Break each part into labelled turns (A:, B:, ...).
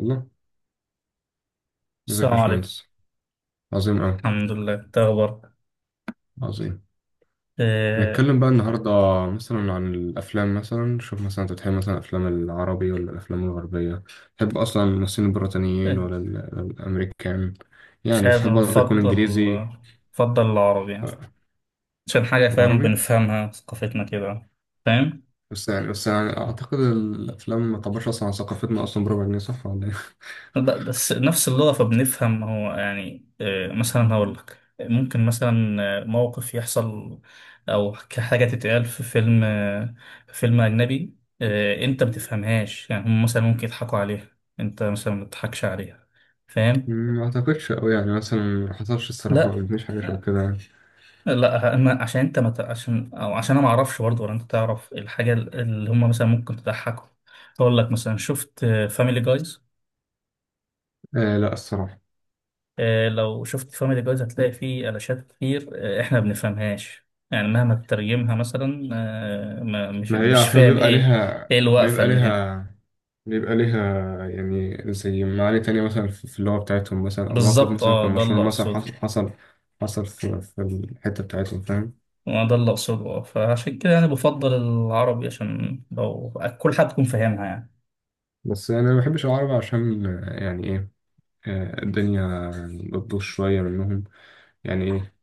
A: الله. ازيك يا
B: السلام عليكم.
A: باشمهندس؟ عظيم أوي.
B: الحمد لله، تخبر
A: عظيم.
B: إيه؟
A: هنتكلم بقى النهاردة مثلا عن الأفلام. مثلا شوف، مثلا أنت بتحب مثلا الأفلام العربي ولا الأفلام الغربية؟ تحب أصلا الممثلين البريطانيين
B: إيه،
A: ولا الأمريكان؟ يعني
B: شايف.
A: بتحب
B: أنا
A: برضه يكون
B: بفضل
A: إنجليزي
B: بفضل العربي يعني، عشان حاجة فاهم
A: وعربي؟
B: بنفهمها ثقافتنا كده، فاهم؟
A: بس يعني أعتقد الأفلام ما تعبرش أصلا عن ثقافتنا أصلا بربع جنيه، صح ولا إيه؟
B: بس نفس اللغة فبنفهم هو يعني إيه، مثلا هقول لك ممكن مثلا موقف يحصل، أو حاجة تتقال في فيلم أجنبي، أنت بتفهمهاش، يعني هم مثلا ممكن يضحكوا عليها، أنت مثلا ما بتضحكش عليها، فاهم؟
A: ما أعتقدش أوي، يعني مثلا ما حصلش الصراحة، ما
B: لا،
A: قابلتنيش حاجة شبه كده يعني.
B: لا، اما عشان انت عشان انا ما اعرفش برضه، ولا انت تعرف الحاجه اللي هم مثلا ممكن تضحكهم. اقول لك مثلا، شفت فاميلي جايز؟
A: آه لا الصراحة.
B: لو شفت فاميلي جايز هتلاقي فيه علاشات كتير. احنا ما بنفهمهاش، يعني مهما تترجمها مثلا آه، ما مش
A: ما هي
B: مش
A: عشان
B: فاهم ايه، ايه الوقفه
A: بيبقى
B: اللي هنا؟
A: ليها بيبقى ليها يعني زي معاني تانية مثلا في اللغة بتاعتهم، مثلا أو موقف
B: بالظبط
A: مثلا كان
B: ده اللي
A: مشهور، مثلا
B: اقصده.
A: حصل في, في الحتة بتاعتهم، فاهم؟
B: ده اللي اقصده، فعشان كده انا بفضل العربي، عشان لو كل حد يكون فاهمها يعني.
A: بس أنا ما بحبش العرب عشان يعني إيه، الدنيا بتبوظ شوية منهم. يعني إيه،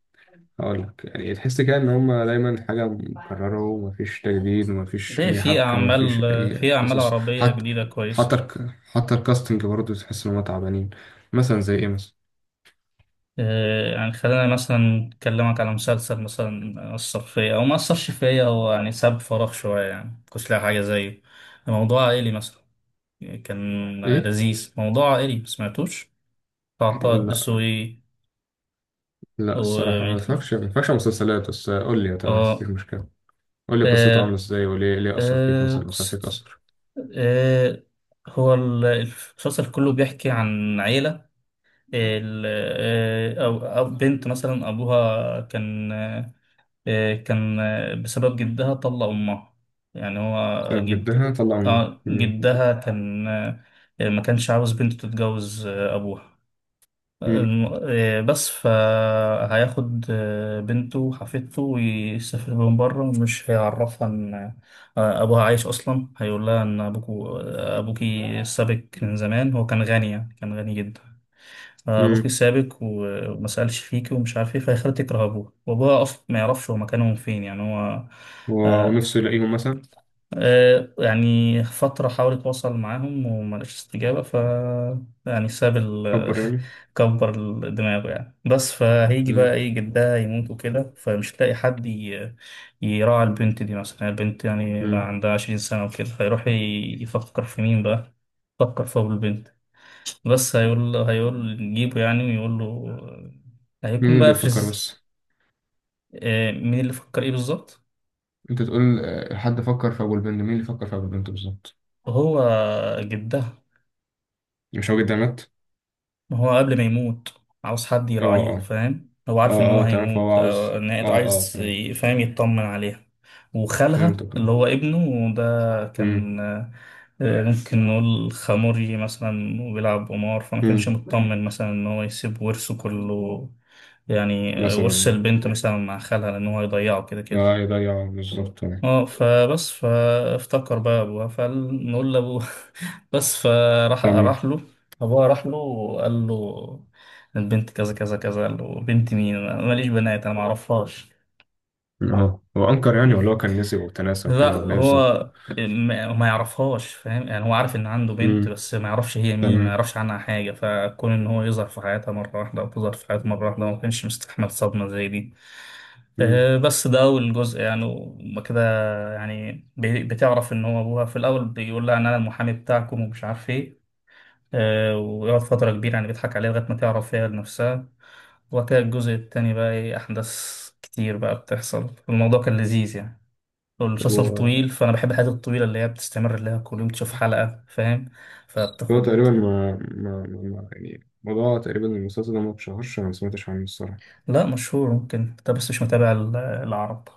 A: هقولك، يعني تحس كده إن هما دايما حاجة مكررة ومفيش تجديد ومفيش
B: ليه؟
A: أي
B: في
A: حبكة
B: أعمال،
A: مفيش أي
B: في أعمال
A: قصص
B: عربية
A: حتى.
B: جديدة
A: حتى
B: كويسة.
A: الك- حتى الكاستنج برضه تحس إن هما تعبانين. مثلا زي إيه مثلا؟
B: يعني خلينا مثلا نكلمك على مسلسل مثلا أثر فيا أو ما أثرش فيا، هو يعني ساب فراغ شوية، يعني مكنتش لاقي حاجة زيه. موضوع عائلي مثلا، كان
A: ايه.
B: لذيذ. موضوع عائلي، مسمعتوش؟ بتاع طه
A: لا
B: الدسوقي.
A: لا
B: و
A: الصراحه، ما اتفرجش على مسلسلات، بس قول لي تمام مفيش
B: آه
A: مشكله. قول لي قصته عامله
B: آه
A: ازاي، وليه اثر فيك؟
B: آه
A: مثلا فيك
B: قصة.
A: اثر.
B: آه هو المسلسل كله بيحكي عن عيلة. ال- أو بنت مثلا أبوها كان، بسبب جدها طلق أمها. يعني هو
A: سبب جدها
B: جد.
A: طلع امي.
B: جدها كان، ما كانش عاوز بنته تتجوز أبوها.
A: مم.
B: بس فهياخد بنته وحفيدته ويسافر بهم بره، ومش هيعرفها إن أبوها عايش أصلا. هيقول لها إن أبوكو آه، أبوكي سابك من زمان. هو كان غني، يعني كان غني جدا. فابوكي
A: مم.
B: سابك وما سالش فيكي، ومش عارف ايه، فيخلتك رهبوه. وابوها اصلا ما يعرفش هو مكانهم فين، يعني هو.
A: و-
B: آه
A: ونفسه يلاقيهم مثلا.
B: يعني فترة حاول يتواصل معاهم وما لقاش استجابة، ف يعني ساب
A: كبر يعني.
B: كبر دماغه يعني. بس فهيجي بقى
A: مم.
B: ايه، جدها يموت وكده، فمش هتلاقي حد يراعي البنت دي مثلا. يعني البنت يعني بقى
A: مم.
B: عندها عشرين سنة وكده، فيروح يفكر في مين بقى. يفكر في أبو البنت. بس هيقول له، هيقول نجيبه يعني ويقول له. هيكون
A: مين اللي
B: بقى في
A: يفكر بس؟
B: مين اللي فكر ايه بالظبط؟
A: انت تقول حد فكر في ابو البنت، مين اللي فكر في ابو البنت بالظبط؟
B: هو جدها.
A: مش هو جدها مات؟
B: ما هو قبل ما يموت عاوز حد
A: اه
B: يراعيها،
A: اه.
B: فاهم؟ هو
A: اه
B: عارف ان هو
A: اه تمام، فهو
B: هيموت،
A: عاوز.
B: إن
A: اه اه
B: عايز
A: تمام.
B: فاهم، يطمن عليها. وخالها
A: فهمتك
B: اللي
A: اه.
B: هو ابنه ده
A: مم.
B: كان، ممكن نقول خموري مثلا وبيلعب قمار، فما كانش
A: مم.
B: مطمن مثلا ان هو يسيب ورثه كله يعني،
A: مثلا
B: ورث
A: يعني.
B: البنت مثلا مع خالها، لان هو هيضيعه كده
A: اه
B: كده.
A: يضيع بالظبط يعني.
B: اه فبس فافتكر بقى ابوه، فنقول لابوه. بس فراح،
A: تمام.
B: راح له. ابوها راح له وقال له البنت كذا كذا كذا، قال له: بنت مين؟ أنا ماليش بنات، انا ما اعرفهاش.
A: اه، هو انكر يعني، ولا
B: مم.
A: هو كان نسي وتناسى
B: لا،
A: وكده، ولا ايه بالظبط؟
B: هو ما يعرفهاش. فاهم يعني هو عارف ان عنده بنت،
A: امم.
B: بس ما يعرفش هي مين، ما
A: تمام.
B: يعرفش عنها حاجه. فكون ان هو يظهر في حياتها مره واحده، او تظهر في حياته مره واحده، هو ما كانش مستحمل صدمه زي دي.
A: امم.
B: بس ده أول جزء يعني وما كده. يعني بتعرف إن هو أبوها في الأول بيقول لها إن أنا المحامي بتاعكم ومش عارف إيه. ويقعد فترة كبيرة يعني بيضحك عليها لغاية ما تعرف هي لنفسها وكده. الجزء التاني بقى إيه، أحداث كتير بقى بتحصل. الموضوع كان لذيذ يعني.
A: طب
B: والمسلسل
A: هو،
B: طويل، فأنا بحب الحاجات الطويلة اللي هي بتستمر، اللي هي كل يوم تشوف حلقة، فاهم؟
A: هو
B: فبتاخد.
A: تقريبا ما ما, ما ما- يعني موضوع تقريبا المسلسل ده ما اتشهرش، أنا ما سمعتش عنه الصراحة.
B: لا، مشهور. ممكن أنت بس مش متابع العرب،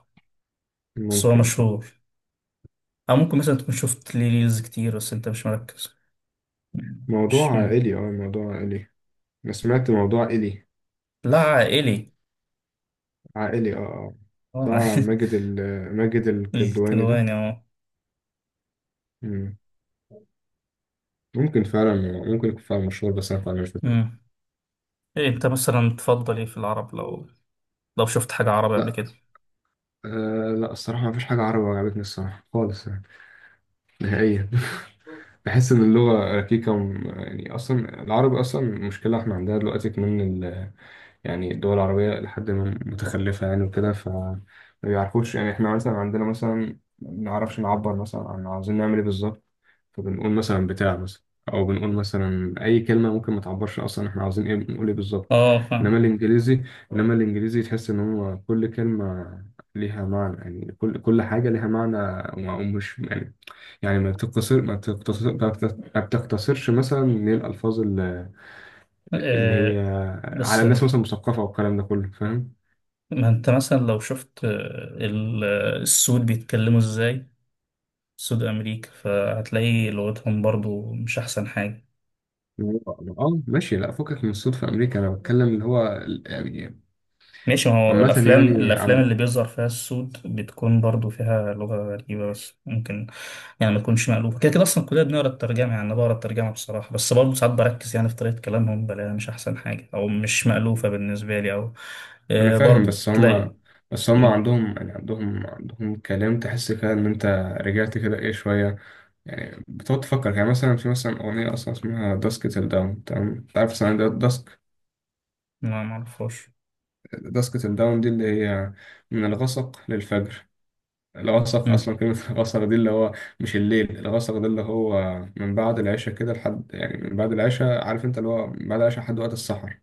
B: بس هو
A: ممكن.
B: مشهور. أو ممكن مثلا تكون شفت ليه ريلز كتير، بس أنت مش مركز. مش.
A: موضوع عائلي، اه موضوع عائلي. أنا سمعت موضوع عائلي.
B: لا، عائلي.
A: عائلي اه اه.
B: اه.
A: بتاع ماجد ال، ماجد الكدواني ده.
B: الكدواني، اه.
A: مم. ممكن فعلا. ممكن يكون فعلا مشهور، بس أنا فعلا مش فاكر.
B: أمم. ايه انت مثلا تفضل ايه في العرب، لو لو شفت حاجة عربي قبل
A: لا.
B: كده؟
A: آه لا الصراحة، ما فيش حاجة عربي عجبتني الصراحة خالص يعني. نهائيا. بحس ان اللغه ركيكه يعني اصلا العربي اصلا مشكله احنا عندنا دلوقتي كمان. يعني الدول العربية لحد ما متخلفة يعني وكده، فما بيعرفوش يعني. احنا مثلا عندنا مثلا ما بنعرفش نعبر مثلا عن عاوزين نعمل ايه بالظبط. فبنقول مثلا بتاع مثلا، أو بنقول مثلا أي كلمة ممكن ما تعبرش أصلا احنا عاوزين ايه، بنقول ايه بالظبط.
B: اه،
A: إنما
B: فاهم.
A: الإنجليزي إنما الإنجليزي تحس إن هو كل كلمة ليها معنى، يعني كل حاجة ليها معنى. ومش يعني، يعني ما بتقتصرش مثلا من الألفاظ اللي هي
B: آه،
A: على
B: بس
A: الناس مثلا مثقفة والكلام ده كله، فاهم؟
B: ما انت مثلا لو شفت السود بيتكلموا ازاي، سود امريكا، فهتلاقي لغتهم برضو مش احسن حاجة.
A: اه. ماشي. لا فكك من الصوت في أمريكا، أنا بتكلم اللي هو يعني
B: ماشي، ما هو
A: عامة
B: الأفلام،
A: يعني
B: الأفلام
A: عم.
B: اللي بيظهر فيها السود بتكون برضو فيها لغة غريبة. بس ممكن يعني ما تكونش مألوفة، كده كده أصلا كلنا بنقرا الترجمة. يعني أنا بقرا الترجمة بصراحة، بس برضو ساعات بركز يعني في طريقة كلامهم، بلاقيها مش أحسن حاجة أو مش مألوفة بالنسبة لي أو
A: ما أنا فاهم،
B: برضو
A: بس
B: تلاقي.
A: هما بس هما
B: مم.
A: عندهم يعني عندهم كلام تحس كده إن أنت رجعت كده إيه شوية. يعني بتقعد تفكر، يعني مثلا في مثلا أغنية أصلا اسمها داسكت الداون، تمام؟ أنت عارف مثلا داسك،
B: ما معرفوش.
A: داسكت الداون دي اللي هي من الغسق للفجر. الغسق
B: مم.
A: اصلا كلمه، الغسق دي اللي هو مش الليل. الغسق ده اللي هو من بعد العشاء كده لحد، يعني من بعد العشاء، عارف انت اللي هو من بعد العشاء لحد وقت السحر.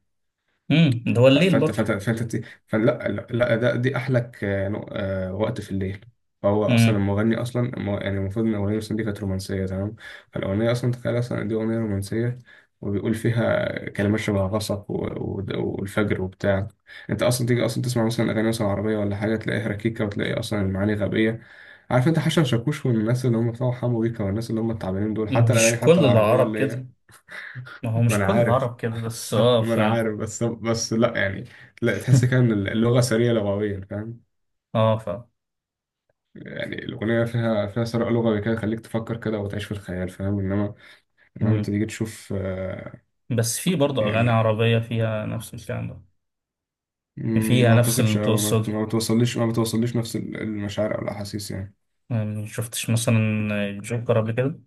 B: ده هو
A: ف-
B: الليل
A: فانت
B: برضو.
A: فانت فانت ت- فلا لا لا، ده دي احلك وقت في الليل. فهو اصلا
B: مم.
A: المغني اصلا يعني المفروض ان الاغنيه مثلا دي كانت رومانسيه، تمام. فالاغنيه اصلا تخيل اصلا إن دي اغنيه رومانسيه، وبيقول فيها كلمات شبه غصب والفجر وبتاع. انت اصلا تيجي اصلا تسمع مثلا اغاني مثلا عربيه ولا حاجه، تلاقيها ركيكه وتلاقي اصلا المعاني غبيه. عارف انت حسن شاكوش والناس اللي هم بتوع حمو بيكا والناس اللي هم التعبانين دول، حتى الاغاني
B: مش
A: حتى
B: كل
A: العربيه
B: العرب
A: اللي
B: كده.
A: هي،
B: ما هو
A: ما
B: مش
A: انا
B: كل
A: عارف.
B: العرب كده، بس
A: حتى
B: اه
A: ما انا عارف بس، لا يعني، لا تحس كده ان اللغه سريه لغويا، فاهم؟
B: اه
A: يعني الاغنيه فيها ثراء لغوي كده، يخليك تفكر كده وتعيش في الخيال، فاهم؟ انما انت
B: مم.
A: تيجي تشوف
B: بس في برضو أغاني
A: يعني،
B: عربية فيها نفس الكلام ده،
A: مم،
B: فيها
A: ما
B: نفس
A: اعتقدش. او ما بت-
B: القصة.
A: ما بتوصليش نفس المشاعر او الاحاسيس يعني.
B: يعني ما شفتش مثلا جوكر قبل كده؟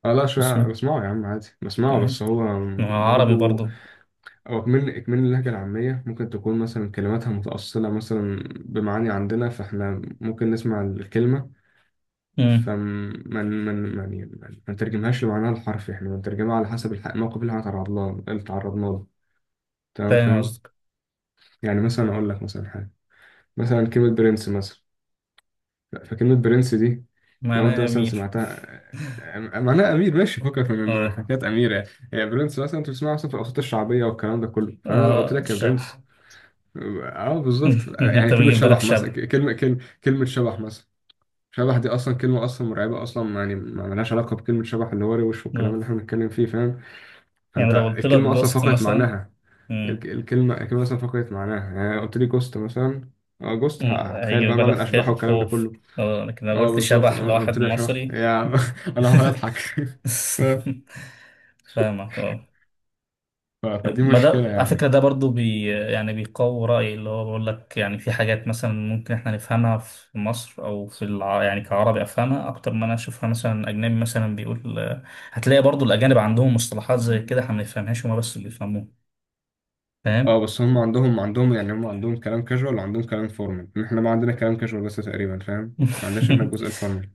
A: اه لا، شوية
B: اسمه.
A: بسمعه يا عم عادي بسمعه،
B: آه،
A: بس هو
B: ما هو عربي
A: برضو.
B: برضه.
A: أو إكمال اللهجة العامية ممكن تكون مثلا كلماتها متأصلة مثلا بمعاني عندنا، فإحنا ممكن نسمع الكلمة
B: امم.
A: فما ما ما يعني ما نترجمهاش لمعناها الحرفي، احنا بنترجمها على حسب الموقف اللي احنا تعرضنا له تمام؟
B: فاهم
A: فاهم.
B: قصدك.
A: يعني مثلا اقول لك مثلا حاجه، مثلا كلمه برنس مثلا، فكلمه برنس دي لو انت
B: معناه
A: مثلا
B: أمير.
A: سمعتها، معناها امير ماشي، فكك من من
B: اه.
A: حكايات امير يعني. يعني برنس مثلا انت بتسمعها مثلا في الاوساط الشعبيه والكلام ده كله، فانا لو قلت
B: اه،
A: لك يا
B: شبح.
A: برنس. اه بالظبط، يعني
B: انت
A: كلمه
B: بيجي في بالك
A: شبح مثلا،
B: شبح؟
A: كلمه شبح مثلا. شبح دي اصلا كلمه اصلا مرعبه اصلا يعني، ما لهاش علاقه بكلمه شبح اللي هو روش والكلام
B: آه.
A: اللي احنا بنتكلم فيه، فاهم؟
B: يعني
A: فانت
B: لو قلت لك
A: الكلمه اصلا
B: جوست
A: فقدت
B: مثلا.
A: معناها. الك-
B: مم.
A: الكلمه الكلمه اصلا فقدت معناها، يعني قلت لي جوست مثلا. اه جوست، هتخيل
B: هيجي في
A: بقى معنى
B: بالك
A: الاشباح والكلام ده
B: خوف.
A: كله.
B: اه، لكن لو
A: اه
B: قلت
A: بالظبط،
B: شبح
A: أنا قلت
B: لواحد
A: لي يا شبح
B: مصري.
A: يا، انا هقعد اضحك فاهم؟
B: فاهمك، اه.
A: ف- فدي
B: ما
A: مشكله
B: ده على فكرة
A: يعني.
B: ده برضو بي يعني بيقوي رأيي، اللي هو بقول لك يعني في حاجات مثلا ممكن احنا نفهمها في مصر أو في يعني كعربي، أفهمها أكتر ما أنا أشوفها مثلا أجنبي مثلا بيقول. هتلاقي برضو الأجانب عندهم مصطلحات زي كده، احنا ما بنفهمهاش، هما بس اللي بيفهموها، فاهم؟
A: اه بس هم عندهم، هم عندهم كلام كاجوال وعندهم كلام فورمال. احنا ما عندنا كلام كاجوال بس تقريبا، فاهم؟ ما عندناش احنا الجزء الفورمال.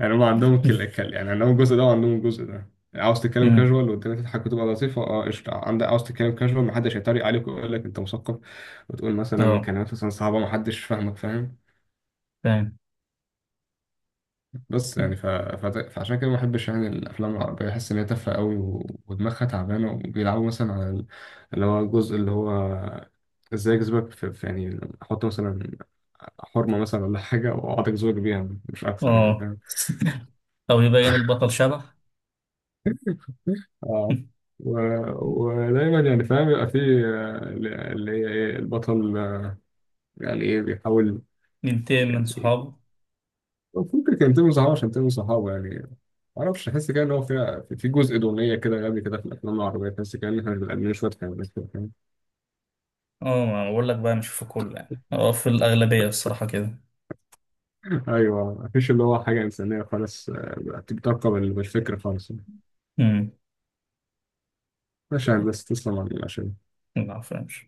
A: يعني هم عندهم يعني عندهم الجزء ده وعندهم الجزء ده. عاوز تتكلم
B: أمم،
A: كاجوال والدنيا تضحك وتبقى لطيفه، اه قشطه، عندك. عاوز تتكلم كاجوال محدش هيتريق عليك ويقول لك انت مثقف وتقول مثلا
B: اه،
A: كلمات مثلا صعبه محدش فاهمك، فاهم؟
B: فاهم،
A: بس يعني ف... ف... فعشان كده ما بحبش يعني الافلام العربيه، بحس ان هي تافهه قوي، و... ودماغها تعبانه، وبيلعبوا مثلا على اللي هو الجزء اللي هو، ازاي اجذبك في، في يعني احط مثلا حرمه مثلا ولا حاجه واقعد اجذبك بيها، مش اكثر يعني،
B: اه.
A: فاهم؟
B: أو يبين البطل شبح.
A: اه. و... ودايما يعني فاهم، يبقى فيه اللي هي ايه، البطل يعني ايه بيحاول
B: ينتقم من
A: يعني.
B: صحابه.
A: المفروض كان ينتمي لصحابه، عشان ينتمي لصحابه يعني. معرفش، أحس كده إن هو فيها في في جزء دونية كده غبي كده في الأفلام العربية، تحس كده إن إحنا بنبقى قاعدين شوية حيوانات كده، فاهم؟
B: اه، ما بقول لك بقى مش في كل يعني، اه في الأغلبية الصراحة كده.
A: أيوه مفيش اللي هو حاجة إنسانية خالص، بتركب الفكر خالص يعني.
B: أمم،
A: ماشي يا هندسة، تسلم على المناقشة.
B: ما بفهمش.